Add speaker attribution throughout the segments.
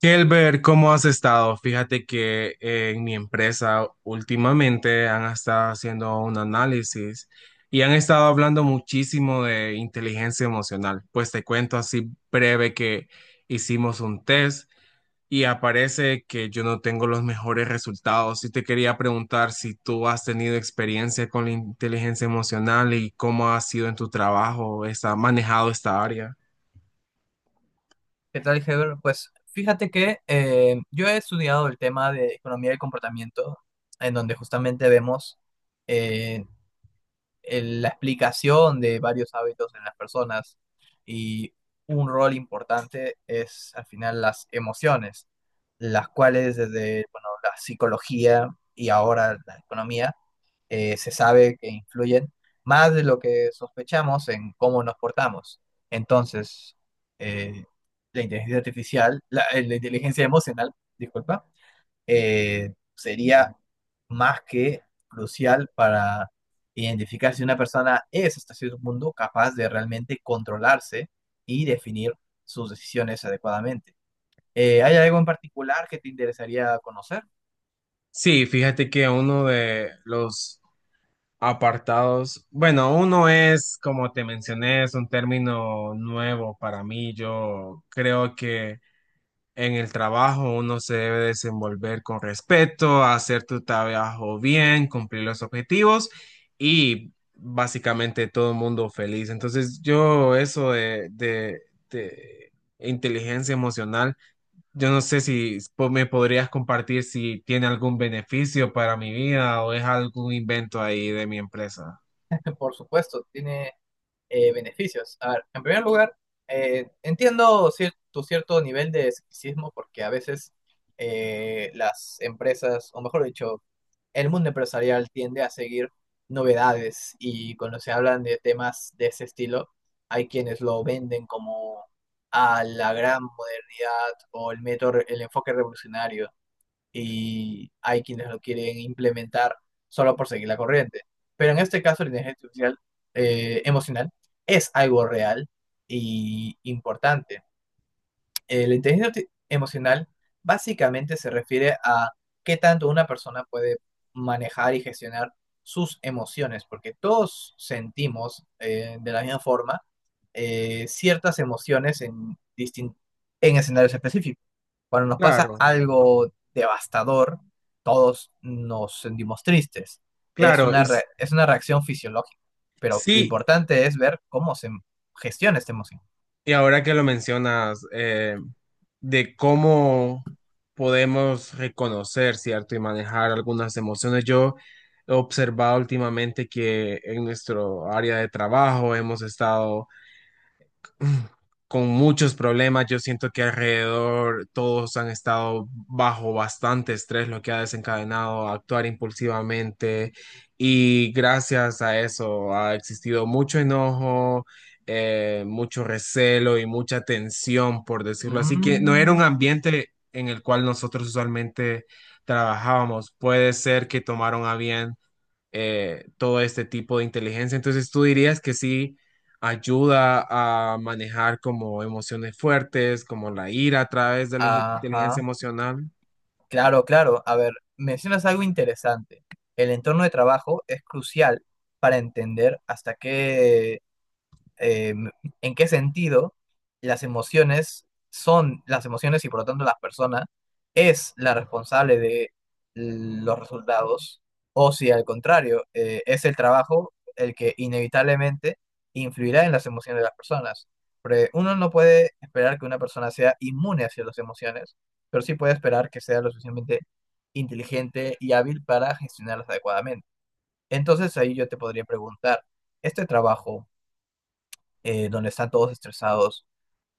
Speaker 1: Kelber, ¿cómo has estado? Fíjate que en mi empresa últimamente han estado haciendo un análisis y han estado hablando muchísimo de inteligencia emocional. Pues te cuento así breve que hicimos un test y aparece que yo no tengo los mejores resultados. Y te quería preguntar si tú has tenido experiencia con la inteligencia emocional y cómo ha sido en tu trabajo, ¿has manejado esta área?
Speaker 2: ¿Qué tal, Heber? Pues fíjate que yo he estudiado el tema de economía del comportamiento, en donde justamente vemos, eh, la explicación de varios hábitos en las personas y un rol importante es, al final, las emociones, las cuales desde, bueno, la psicología y ahora la economía, se sabe que influyen más de lo que sospechamos en cómo nos portamos. Entonces, eh, la inteligencia artificial, la, la inteligencia emocional, disculpa, sería más que crucial para identificar si una persona es hasta cierto punto capaz de realmente controlarse y definir sus decisiones adecuadamente. ¿hay algo en particular que te interesaría conocer?
Speaker 1: Sí, fíjate que uno de los apartados. Bueno, uno es, como te mencioné, es un término nuevo para mí. Yo creo que en el trabajo uno se debe desenvolver con respeto, hacer tu trabajo bien, cumplir los objetivos y básicamente todo el mundo feliz. Entonces yo eso de inteligencia emocional, yo no sé si me podrías compartir si tiene algún beneficio para mi vida o es algún invento ahí de mi empresa.
Speaker 2: Por supuesto, tiene, beneficios. A ver, en primer lugar, entiendo tu cierto nivel de escepticismo porque a veces, las empresas, o mejor dicho, el mundo empresarial tiende a seguir novedades, y cuando se hablan de temas de ese estilo, hay quienes lo venden como a la gran modernidad o el método, el enfoque revolucionario, y hay quienes lo quieren implementar solo por seguir la corriente. Pero en este caso, la inteligencia artificial, emocional, es algo real y importante. La inteligencia emocional básicamente se refiere a qué tanto una persona puede manejar y gestionar sus emociones, porque todos sentimos, de la misma forma, ciertas emociones en, en escenarios específicos. Cuando nos pasa
Speaker 1: Claro,
Speaker 2: algo devastador, todos nos sentimos tristes. Es
Speaker 1: claro, y
Speaker 2: una, es una reacción fisiológica, pero lo
Speaker 1: sí,
Speaker 2: importante es ver cómo se gestiona esta emoción.
Speaker 1: y ahora que lo mencionas, de cómo podemos reconocer, ¿cierto? Y manejar algunas emociones. Yo he observado últimamente que en nuestro área de trabajo hemos estado con muchos problemas. Yo siento que alrededor todos han estado bajo bastante estrés, lo que ha desencadenado a actuar impulsivamente. Y gracias a eso ha existido mucho enojo, mucho recelo y mucha tensión, por decirlo así, que no era
Speaker 2: Mm,
Speaker 1: un ambiente en el cual nosotros usualmente trabajábamos. Puede ser que tomaron a bien todo este tipo de inteligencia. Entonces, tú dirías que sí ayuda a manejar como emociones fuertes, como la ira a través de la inteligencia
Speaker 2: ajá,
Speaker 1: emocional.
Speaker 2: claro, claro. A ver, mencionas algo interesante. El entorno de trabajo es crucial para entender hasta qué, eh, en qué sentido las emociones son las emociones y por lo tanto las personas es la responsable de los resultados, o si al contrario, es el trabajo el que inevitablemente influirá en las emociones de las personas. Porque uno no puede esperar que una persona sea inmune hacia las emociones, pero sí puede esperar que sea lo suficientemente inteligente y hábil para gestionarlas adecuadamente. Entonces ahí yo te podría preguntar, ¿este trabajo, donde están todos estresados,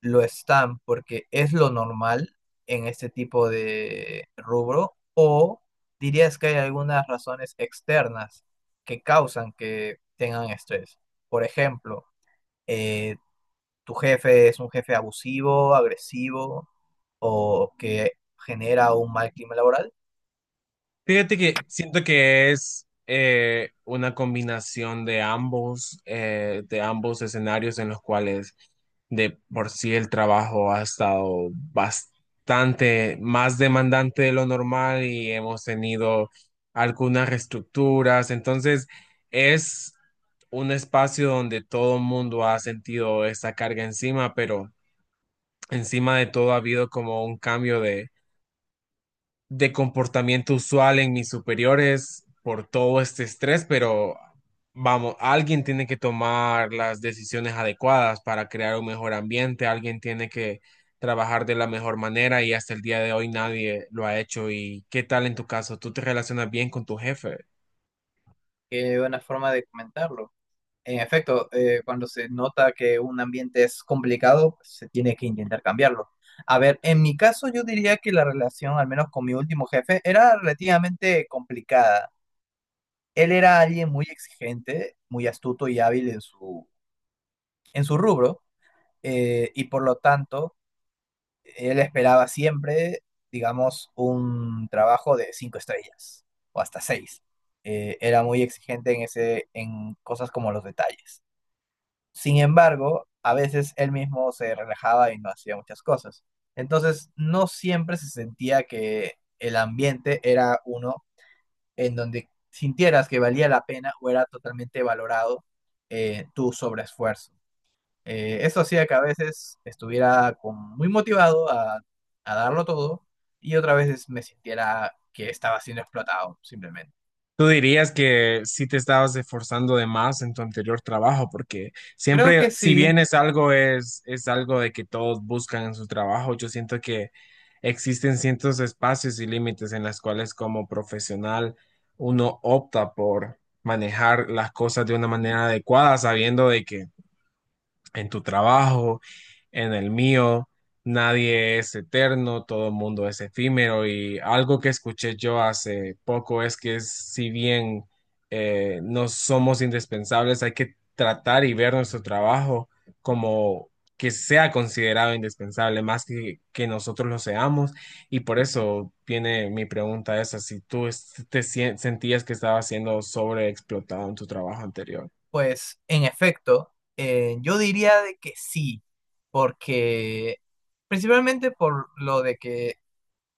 Speaker 2: lo están porque es lo normal en este tipo de rubro, o dirías que hay algunas razones externas que causan que tengan estrés? Por ejemplo, eh, tu jefe es un jefe abusivo, agresivo, o que genera un mal clima laboral.
Speaker 1: Fíjate que siento que es una combinación de ambos escenarios en los cuales de por sí el trabajo ha estado bastante más demandante de lo normal y hemos tenido algunas reestructuras. Entonces, es un espacio donde todo el mundo ha sentido esa carga encima, pero encima de todo ha habido como un cambio de comportamiento usual en mis superiores por todo este estrés, pero vamos, alguien tiene que tomar las decisiones adecuadas para crear un mejor ambiente, alguien tiene que trabajar de la mejor manera y hasta el día de hoy nadie lo ha hecho. ¿Y qué tal en tu caso? ¿Tú te relacionas bien con tu jefe?
Speaker 2: Qué buena forma de comentarlo. En efecto, cuando se nota que un ambiente es complicado, se tiene que intentar cambiarlo. A ver, en mi caso yo diría que la relación, al menos con mi último jefe, era relativamente complicada. Él era alguien muy exigente, muy astuto y hábil en su rubro, y por lo tanto, él esperaba siempre, digamos, un trabajo de cinco estrellas o hasta seis. Era muy exigente en ese, en cosas como los detalles. Sin embargo, a veces él mismo se relajaba y no hacía muchas cosas. Entonces, no siempre se sentía que el ambiente era uno en donde sintieras que valía la pena o era totalmente valorado, tu sobreesfuerzo. Eso hacía que a veces estuviera muy motivado a darlo todo, y otras veces me sintiera que estaba siendo explotado, simplemente.
Speaker 1: Tú dirías que sí te estabas esforzando de más en tu anterior trabajo, porque
Speaker 2: Creo
Speaker 1: siempre,
Speaker 2: que
Speaker 1: si
Speaker 2: sí.
Speaker 1: bien es algo, es algo de que todos buscan en su trabajo, yo siento que existen ciertos espacios y límites en los cuales como profesional uno opta por manejar las cosas de una manera adecuada, sabiendo de que en tu trabajo, en el mío. Nadie es eterno, todo el mundo es efímero y algo que escuché yo hace poco es que si bien no somos indispensables, hay que tratar y ver nuestro trabajo como que sea considerado indispensable más que nosotros lo seamos y por eso viene mi pregunta esa, si tú sentías que estabas siendo sobreexplotado en tu trabajo anterior.
Speaker 2: Pues en efecto, yo diría de que sí, porque principalmente por lo de que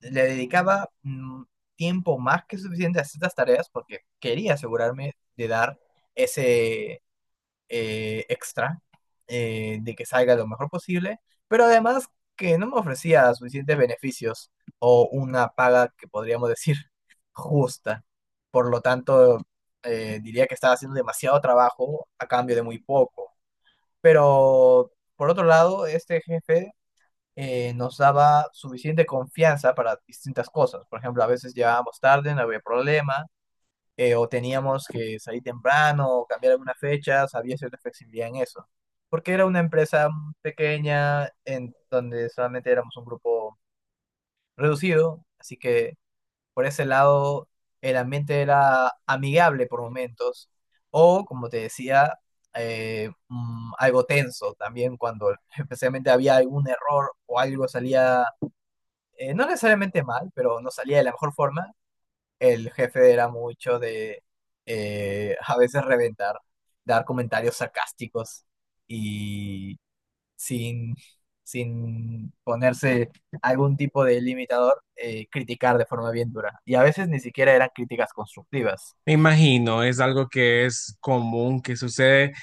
Speaker 2: le dedicaba, tiempo más que suficiente a ciertas tareas, porque quería asegurarme de dar ese, extra, de que salga lo mejor posible, pero además que no me ofrecía suficientes beneficios o una paga que podríamos decir justa. Por lo tanto, diría que estaba haciendo demasiado trabajo a cambio de muy poco. Pero por otro lado, este jefe, nos daba suficiente confianza para distintas cosas. Por ejemplo, a veces llegábamos tarde, no había problema, o teníamos que salir temprano o cambiar algunas fechas, había cierta flexibilidad en eso. Porque era una empresa pequeña en donde solamente éramos un grupo reducido, así que por ese lado el ambiente era amigable por momentos, o como te decía, algo tenso también cuando especialmente había algún error o algo salía, no necesariamente mal, pero no salía de la mejor forma. El jefe era mucho de, a veces reventar, dar comentarios sarcásticos, y sin, sin ponerse algún tipo de limitador, criticar de forma bien dura. Y a veces ni siquiera eran críticas constructivas.
Speaker 1: Me imagino, es algo que es común, que sucede.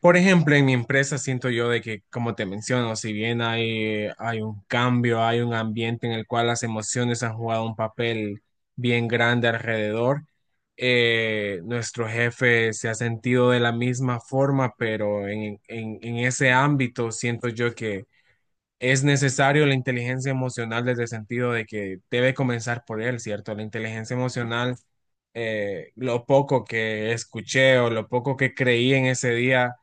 Speaker 1: Por ejemplo, en mi empresa siento yo de que, como te menciono, si bien hay un cambio, hay un ambiente en el cual las emociones han jugado un papel bien grande alrededor, nuestro jefe se ha sentido de la misma forma, pero en ese ámbito siento yo que es necesario la inteligencia emocional desde el sentido de que debe comenzar por él, ¿cierto? La inteligencia emocional, lo poco que escuché o lo poco que creí en ese día,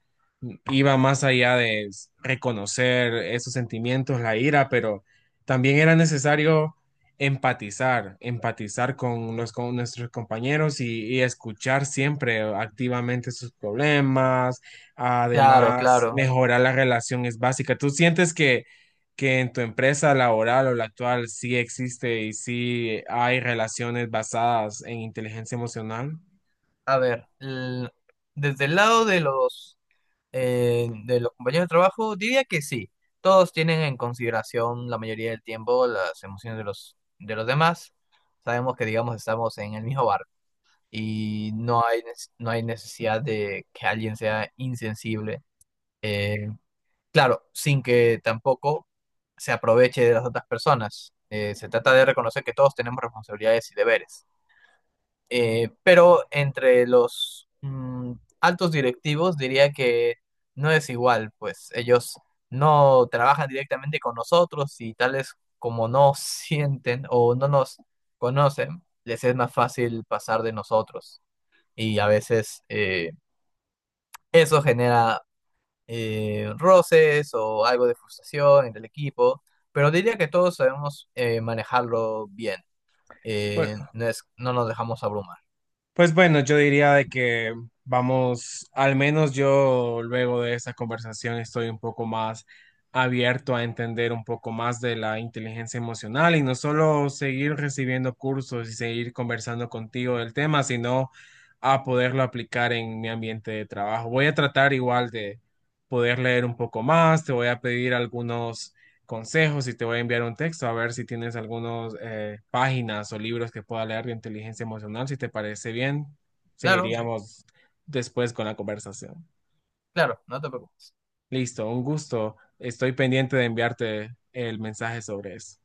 Speaker 1: iba más allá de reconocer esos sentimientos, la ira, pero también era necesario empatizar, empatizar con, los, con nuestros compañeros y escuchar siempre activamente sus problemas,
Speaker 2: Claro,
Speaker 1: además
Speaker 2: claro.
Speaker 1: mejorar la relación es básica. ¿Tú sientes que en tu empresa laboral o la actual sí existe y sí hay relaciones basadas en inteligencia emocional?
Speaker 2: A ver, desde el lado de los, de los compañeros de trabajo, diría que sí. Todos tienen en consideración la mayoría del tiempo las emociones de los demás. Sabemos que, digamos, estamos en el mismo barco y no hay, no hay necesidad de que alguien sea insensible. Eh, claro, sin que tampoco se aproveche de las otras personas. Se trata de reconocer que todos tenemos responsabilidades y deberes. Pero entre los, altos directivos diría que no es igual, pues ellos no trabajan directamente con nosotros y tales como no sienten o no nos conocen, les es más fácil pasar de nosotros. Y a veces, eso genera, roces o algo de frustración entre el equipo, pero diría que todos sabemos, manejarlo bien. No nos dejamos abrumar.
Speaker 1: Pues bueno, yo diría de que vamos, al menos yo luego de esta conversación estoy un poco más abierto a entender un poco más de la inteligencia emocional y no solo seguir recibiendo cursos y seguir conversando contigo del tema, sino a poderlo aplicar en mi ambiente de trabajo. Voy a tratar igual de poder leer un poco más, te voy a pedir algunos consejos y te voy a enviar un texto a ver si tienes algunas páginas o libros que pueda leer de inteligencia emocional. Si te parece bien,
Speaker 2: Claro.
Speaker 1: seguiríamos después con la conversación.
Speaker 2: Claro, no te preocupes.
Speaker 1: Listo, un gusto. Estoy pendiente de enviarte el mensaje sobre eso.